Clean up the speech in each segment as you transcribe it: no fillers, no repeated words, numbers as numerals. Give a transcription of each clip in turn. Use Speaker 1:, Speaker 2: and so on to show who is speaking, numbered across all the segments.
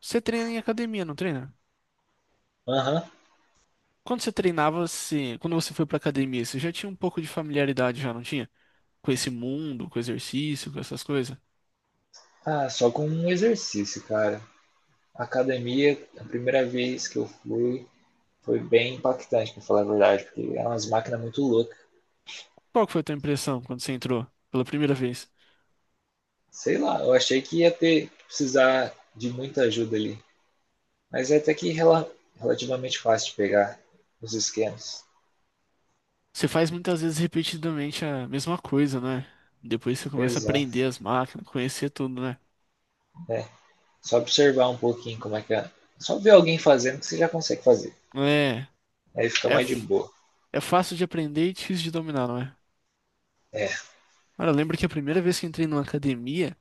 Speaker 1: Você treina em academia, não treina?
Speaker 2: Aham.
Speaker 1: Quando você treinava, quando você foi pra academia, você já tinha um pouco de familiaridade, já não tinha? Com esse mundo, com exercício, com essas coisas?
Speaker 2: Ah, só com um exercício, cara. Academia, a primeira vez que eu fui, foi bem impactante, pra falar a verdade, porque eram umas máquinas muito loucas.
Speaker 1: Qual que foi a tua impressão quando você entrou pela primeira vez?
Speaker 2: Sei lá, eu achei que ia ter que precisar de muita ajuda ali. Mas é até que relativamente fácil de pegar os esquemas.
Speaker 1: Você faz muitas vezes repetidamente a mesma coisa, né? Depois você começa a
Speaker 2: Exato.
Speaker 1: aprender as máquinas, conhecer tudo, né?
Speaker 2: É. Só observar um pouquinho como é que é. Só ver alguém fazendo que você já consegue fazer.
Speaker 1: É,
Speaker 2: Aí fica
Speaker 1: é,
Speaker 2: mais de
Speaker 1: f-
Speaker 2: boa.
Speaker 1: é fácil de aprender e difícil de dominar, não é?
Speaker 2: É.
Speaker 1: Cara, eu lembro que a primeira vez que entrei numa academia,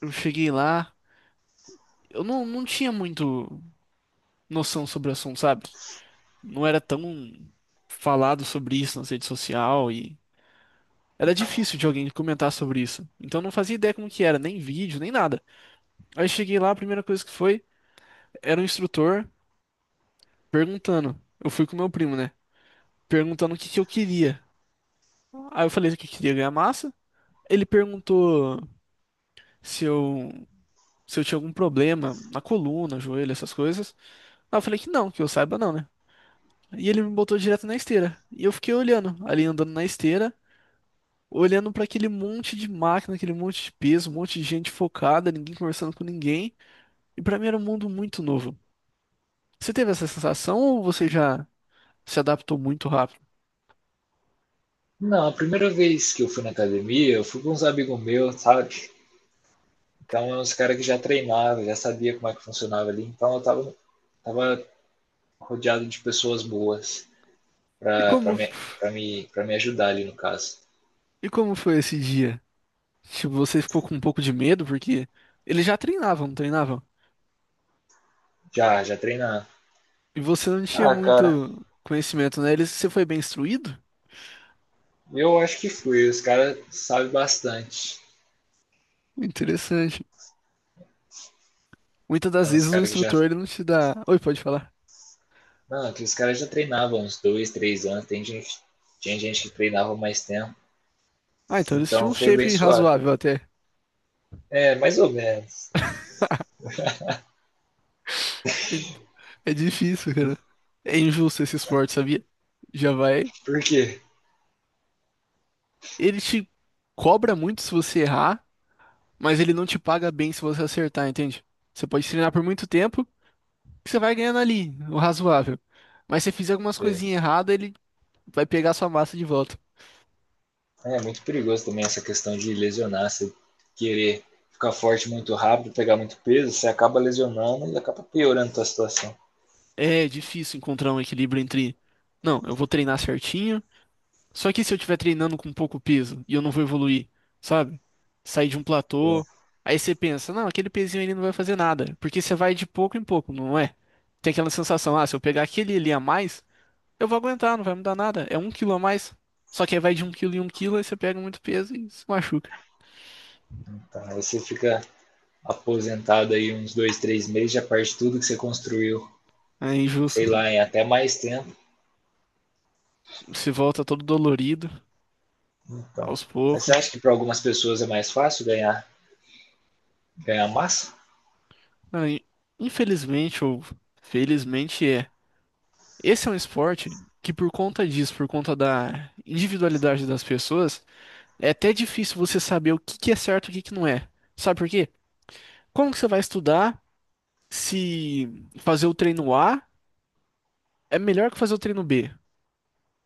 Speaker 1: eu cheguei lá, eu não tinha muito noção sobre o assunto, sabe? Não era tão falado sobre isso na rede social e era difícil de alguém comentar sobre isso. Então eu não fazia ideia como que era, nem vídeo, nem nada. Aí cheguei lá, a primeira coisa que foi, era um instrutor perguntando. Eu fui com meu primo, né? Perguntando o que que eu queria. Aí eu falei que eu queria ganhar massa. Ele perguntou se eu se eu tinha algum problema na coluna, joelho, essas coisas. Aí eu falei que não, que eu saiba não, né? E ele me botou direto na esteira. E eu fiquei olhando, ali andando na esteira, olhando para aquele monte de máquina, aquele monte de peso, um monte de gente focada, ninguém conversando com ninguém. E para mim era um mundo muito novo. Você teve essa sensação ou você já se adaptou muito rápido?
Speaker 2: Não, a primeira vez que eu fui na academia, eu fui com uns amigos meus, sabe? Então, é uns caras que já treinava, já sabia como é que funcionava ali. Então, eu tava rodeado de pessoas boas
Speaker 1: E como
Speaker 2: para me, pra me, pra me ajudar ali, no caso.
Speaker 1: e como foi esse dia? Tipo, você ficou com um pouco de medo porque eles já treinavam, não treinavam?
Speaker 2: Já, já treinava.
Speaker 1: E você não tinha
Speaker 2: Ah, cara,
Speaker 1: muito conhecimento, né? Eles, você foi bem instruído?
Speaker 2: eu acho que fui. Os caras sabem bastante.
Speaker 1: Interessante. Muitas das
Speaker 2: É uns
Speaker 1: vezes o
Speaker 2: caras que já.
Speaker 1: instrutor ele não te dá. Oi, pode falar.
Speaker 2: Não, aqueles caras já treinavam uns 2, 3 anos. Tem gente, tinha gente que treinava mais tempo.
Speaker 1: Ah, então eles tinham
Speaker 2: Então
Speaker 1: um
Speaker 2: foi bem
Speaker 1: shape
Speaker 2: suave.
Speaker 1: razoável até.
Speaker 2: É, mais ou menos.
Speaker 1: Então, é difícil, cara. É injusto esse esporte, sabia? Já vai.
Speaker 2: Por quê?
Speaker 1: Ele te cobra muito se você errar, mas ele não te paga bem se você acertar, entende? Você pode treinar por muito tempo, que você vai ganhando ali, o razoável. Mas se você fizer algumas
Speaker 2: É.
Speaker 1: coisinhas erradas, ele vai pegar sua massa de volta.
Speaker 2: É muito perigoso também essa questão de lesionar, você querer ficar forte muito rápido, pegar muito peso, você acaba lesionando e acaba piorando a tua situação.
Speaker 1: É difícil encontrar um equilíbrio entre, não, eu vou treinar certinho. Só que se eu estiver treinando com pouco peso e eu não vou evoluir, sabe? Sair de um
Speaker 2: Então,
Speaker 1: platô, aí você pensa, não, aquele pezinho ali não vai fazer nada, porque você vai de pouco em pouco, não é? Tem aquela sensação, ah, se eu pegar aquele ali a mais, eu vou aguentar, não vai mudar nada, é um quilo a mais. Só que aí vai de um quilo em um quilo, aí você pega muito peso e se machuca.
Speaker 2: aí você fica aposentado aí uns 2, 3 meses, já perde tudo que você construiu,
Speaker 1: É
Speaker 2: sei
Speaker 1: injusto, né?
Speaker 2: lá, em até mais tempo.
Speaker 1: Se volta todo dolorido,
Speaker 2: Então,
Speaker 1: aos
Speaker 2: mas você
Speaker 1: poucos.
Speaker 2: acha que para algumas pessoas é mais fácil ganhar massa?
Speaker 1: Ah, infelizmente, ou felizmente, é. Esse é um esporte que, por conta disso, por conta da individualidade das pessoas, é até difícil você saber o que que é certo e o que que não é. Sabe por quê? Como que você vai estudar se fazer o treino A é melhor que fazer o treino B?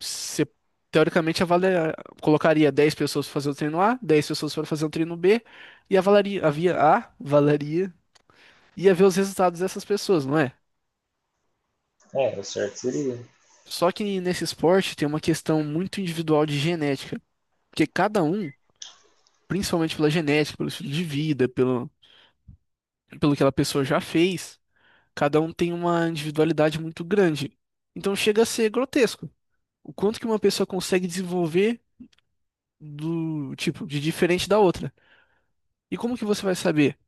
Speaker 1: Você, teoricamente, avalia, colocaria 10 pessoas para fazer o treino A, 10 pessoas para fazer o treino B, e avalaria, havia A, avalaria, ia ver os resultados dessas pessoas, não é?
Speaker 2: É, o certo seria.
Speaker 1: Só que nesse esporte tem uma questão muito individual de genética, porque cada um, principalmente pela genética, pelo estilo de vida, pelo, pelo que aquela pessoa já fez, cada um tem uma individualidade muito grande. Então chega a ser grotesco. O quanto que uma pessoa consegue desenvolver do tipo de diferente da outra. E como que você vai saber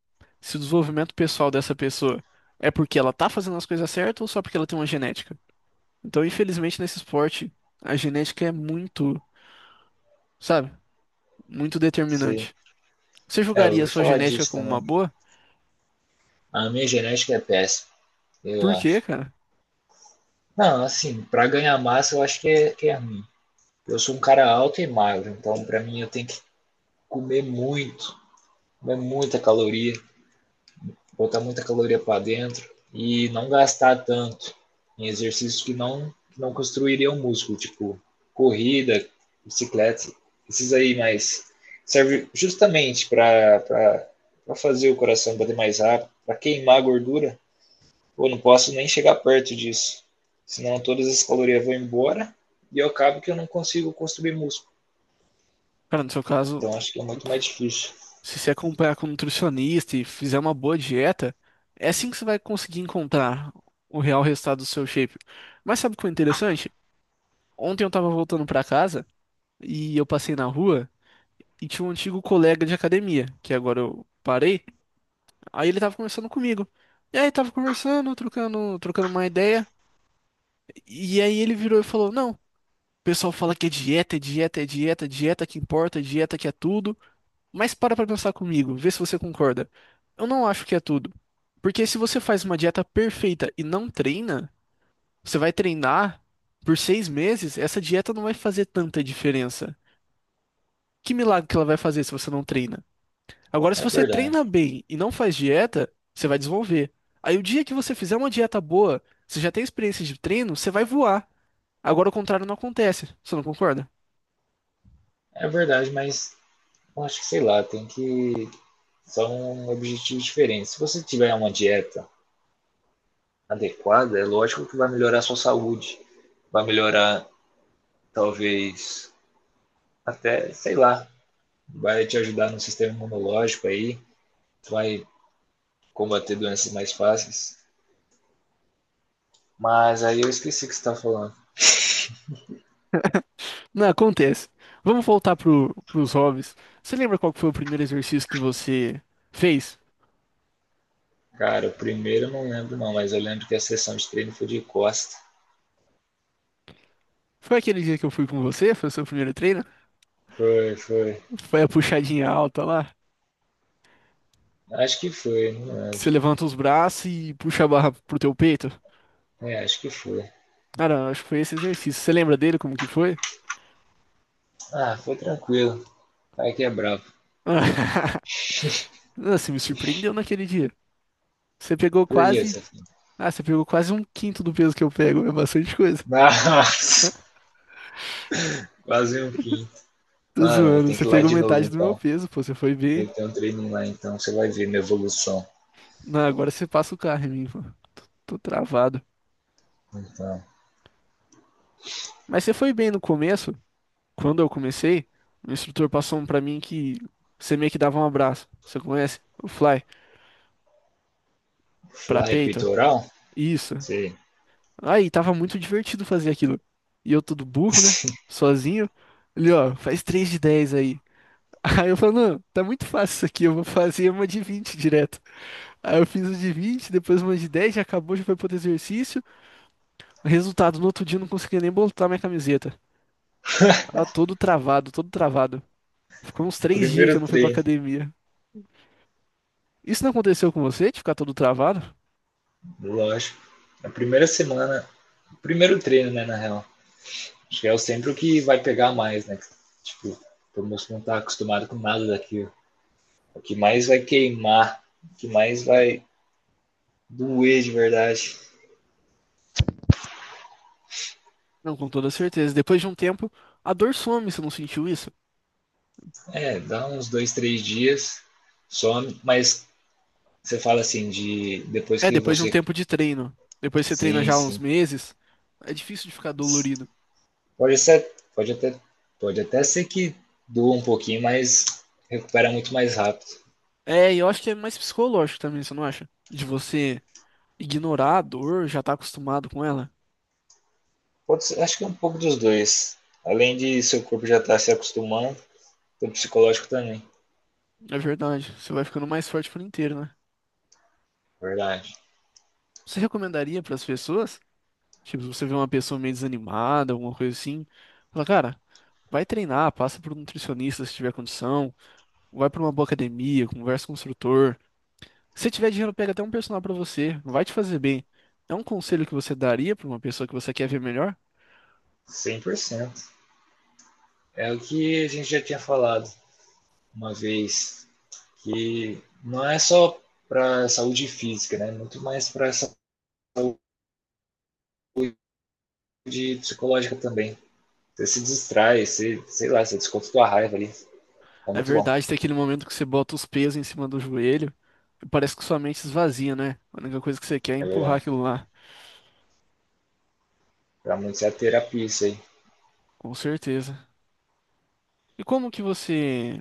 Speaker 1: se o desenvolvimento pessoal dessa pessoa é porque ela tá fazendo as coisas certas ou só porque ela tem uma genética? Então, infelizmente, nesse esporte, a genética é muito, sabe, muito
Speaker 2: Sim.
Speaker 1: determinante. Você
Speaker 2: É, eu
Speaker 1: julgaria a
Speaker 2: ouvi
Speaker 1: sua
Speaker 2: falar
Speaker 1: genética
Speaker 2: disso
Speaker 1: como uma
Speaker 2: também.
Speaker 1: boa?
Speaker 2: A minha genética é péssima, eu
Speaker 1: Por quê,
Speaker 2: acho.
Speaker 1: cara?
Speaker 2: Não, assim, para ganhar massa eu acho que é, ruim. Eu sou um cara alto e magro, então para mim eu tenho que comer muito, comer muita caloria, botar muita caloria para dentro e não gastar tanto em exercícios que não construiriam músculo, tipo corrida, bicicleta, esses aí, mas serve justamente para fazer o coração bater mais rápido, para queimar a gordura. Pô, não posso nem chegar perto disso, senão todas as calorias vão embora e eu acabo que eu não consigo construir músculo.
Speaker 1: Cara, no seu caso,
Speaker 2: Então acho que é muito mais difícil.
Speaker 1: se você acompanhar com um nutricionista e fizer uma boa dieta, é assim que você vai conseguir encontrar o real resultado do seu shape. Mas sabe o que é interessante? Ontem eu tava voltando pra casa e eu passei na rua e tinha um antigo colega de academia, que agora eu parei, aí ele tava conversando comigo. E aí tava conversando, trocando uma ideia, e aí ele virou e falou: "Não, o pessoal fala que é dieta, é dieta, é dieta, é dieta que importa, é dieta que é tudo". Mas para pra pensar comigo, vê se você concorda. Eu não acho que é tudo. Porque se você faz uma dieta perfeita e não treina, você vai treinar por 6 meses, essa dieta não vai fazer tanta diferença. Que milagre que ela vai fazer se você não treina? Agora, se
Speaker 2: É
Speaker 1: você
Speaker 2: verdade.
Speaker 1: treina bem e não faz dieta, você vai desenvolver. Aí, o dia que você fizer uma dieta boa, você já tem experiência de treino, você vai voar. Agora, o contrário não acontece. Você não concorda?
Speaker 2: É verdade, mas eu acho que, sei lá, tem que. São objetivos diferentes. Se você tiver uma dieta adequada, é lógico que vai melhorar a sua saúde. Vai melhorar, talvez, até, sei lá, vai te ajudar no sistema imunológico aí. Vai combater doenças mais fáceis. Mas aí eu esqueci o que você estava falando.
Speaker 1: Não, acontece. Vamos voltar pros hobbies. Você lembra qual que foi o primeiro exercício que você fez?
Speaker 2: Cara, o primeiro eu não lembro não, mas eu lembro que a sessão de treino foi de costa.
Speaker 1: Foi aquele dia que eu fui com você? Foi o seu primeiro treino?
Speaker 2: Foi, foi.
Speaker 1: Foi a puxadinha alta lá?
Speaker 2: Acho que foi, não
Speaker 1: Que
Speaker 2: lembro.
Speaker 1: você levanta os braços e puxa a barra pro teu peito?
Speaker 2: É, acho que foi.
Speaker 1: Cara, acho que foi esse exercício. Você lembra dele como que foi?
Speaker 2: Ah, foi tranquilo. Vai que é bravo.
Speaker 1: Não, você me surpreendeu naquele dia. Você pegou
Speaker 2: Por que
Speaker 1: quase.
Speaker 2: essa fita?
Speaker 1: Ah, você pegou quase um quinto do peso que eu pego. É bastante coisa.
Speaker 2: Nossa, quase um quinto.
Speaker 1: Tô
Speaker 2: Mano,
Speaker 1: zoando.
Speaker 2: tem
Speaker 1: Você
Speaker 2: que ir lá
Speaker 1: pegou
Speaker 2: de novo
Speaker 1: metade do meu
Speaker 2: então.
Speaker 1: peso, pô. Você foi bem.
Speaker 2: Meter um treino lá então, você vai ver minha evolução.
Speaker 1: Não, agora você passa o carro em mim, pô. Tô travado.
Speaker 2: Então,
Speaker 1: Mas você foi bem no começo, quando eu comecei, o instrutor passou um pra mim que você meio que dava um abraço. Você conhece? O fly, pra
Speaker 2: fly
Speaker 1: peito.
Speaker 2: peitoral?
Speaker 1: Isso.
Speaker 2: Sim.
Speaker 1: Aí, tava muito divertido fazer aquilo. E eu todo burro, né? Sozinho. Ele, ó, faz 3 de 10 aí. Aí eu falo, não, tá muito fácil isso aqui, eu vou fazer 1 de 20 direto. Aí eu fiz 1 de 20, depois 1 de 10 já acabou, já foi pro outro exercício. Resultado, no outro dia eu não conseguia nem botar minha camiseta. Tava todo travado, todo travado. Ficou uns
Speaker 2: O
Speaker 1: 3 dias que eu
Speaker 2: primeiro
Speaker 1: não fui pra
Speaker 2: treino,
Speaker 1: academia. Isso não aconteceu com você, de ficar todo travado?
Speaker 2: lógico. Na primeira semana, o primeiro treino, né, na real. Acho que é sempre o que vai pegar mais, né? Tipo, o músculo não tá acostumado com nada daquilo. O que mais vai queimar, o que mais vai doer de verdade.
Speaker 1: Não, com toda certeza. Depois de um tempo, a dor some, você não sentiu isso?
Speaker 2: É, dá uns 2, 3 dias, some, mas você fala assim, de depois
Speaker 1: É,
Speaker 2: que
Speaker 1: depois de um
Speaker 2: você.
Speaker 1: tempo de treino. Depois você treina
Speaker 2: Sim,
Speaker 1: já há uns
Speaker 2: sim.
Speaker 1: meses, é difícil de ficar dolorido.
Speaker 2: Pode ser, pode até, pode até ser que doa um pouquinho, mas recupera muito mais rápido.
Speaker 1: É, e eu acho que é mais psicológico também, você não acha? De você ignorar a dor, já tá acostumado com ela.
Speaker 2: Acho que é um pouco dos dois. Além de seu corpo já estar se acostumando, o psicológico também.
Speaker 1: É verdade, você vai ficando mais forte por inteiro, né?
Speaker 2: Verdade.
Speaker 1: Você recomendaria pras pessoas? Tipo, se você vê uma pessoa meio desanimada, alguma coisa assim, fala, cara, vai treinar, passa por um nutricionista se tiver condição. Vai pra uma boa academia, conversa com o instrutor. Se tiver dinheiro, pega até um personal pra você. Não vai te fazer bem. É um conselho que você daria pra uma pessoa que você quer ver melhor?
Speaker 2: 100%. É o que a gente já tinha falado uma vez, que não é só para saúde física, né? Muito mais para saúde de psicológica também. Você se distrai, você, sei lá, você desconta tua raiva ali. É
Speaker 1: É
Speaker 2: muito bom.
Speaker 1: verdade, tem aquele momento que você bota os pesos em cima do joelho e parece que sua mente esvazia, né? A única coisa que você quer é
Speaker 2: É
Speaker 1: empurrar
Speaker 2: verdade.
Speaker 1: aquilo lá.
Speaker 2: Pra muitos é a terapia isso aí.
Speaker 1: Com certeza. E como que você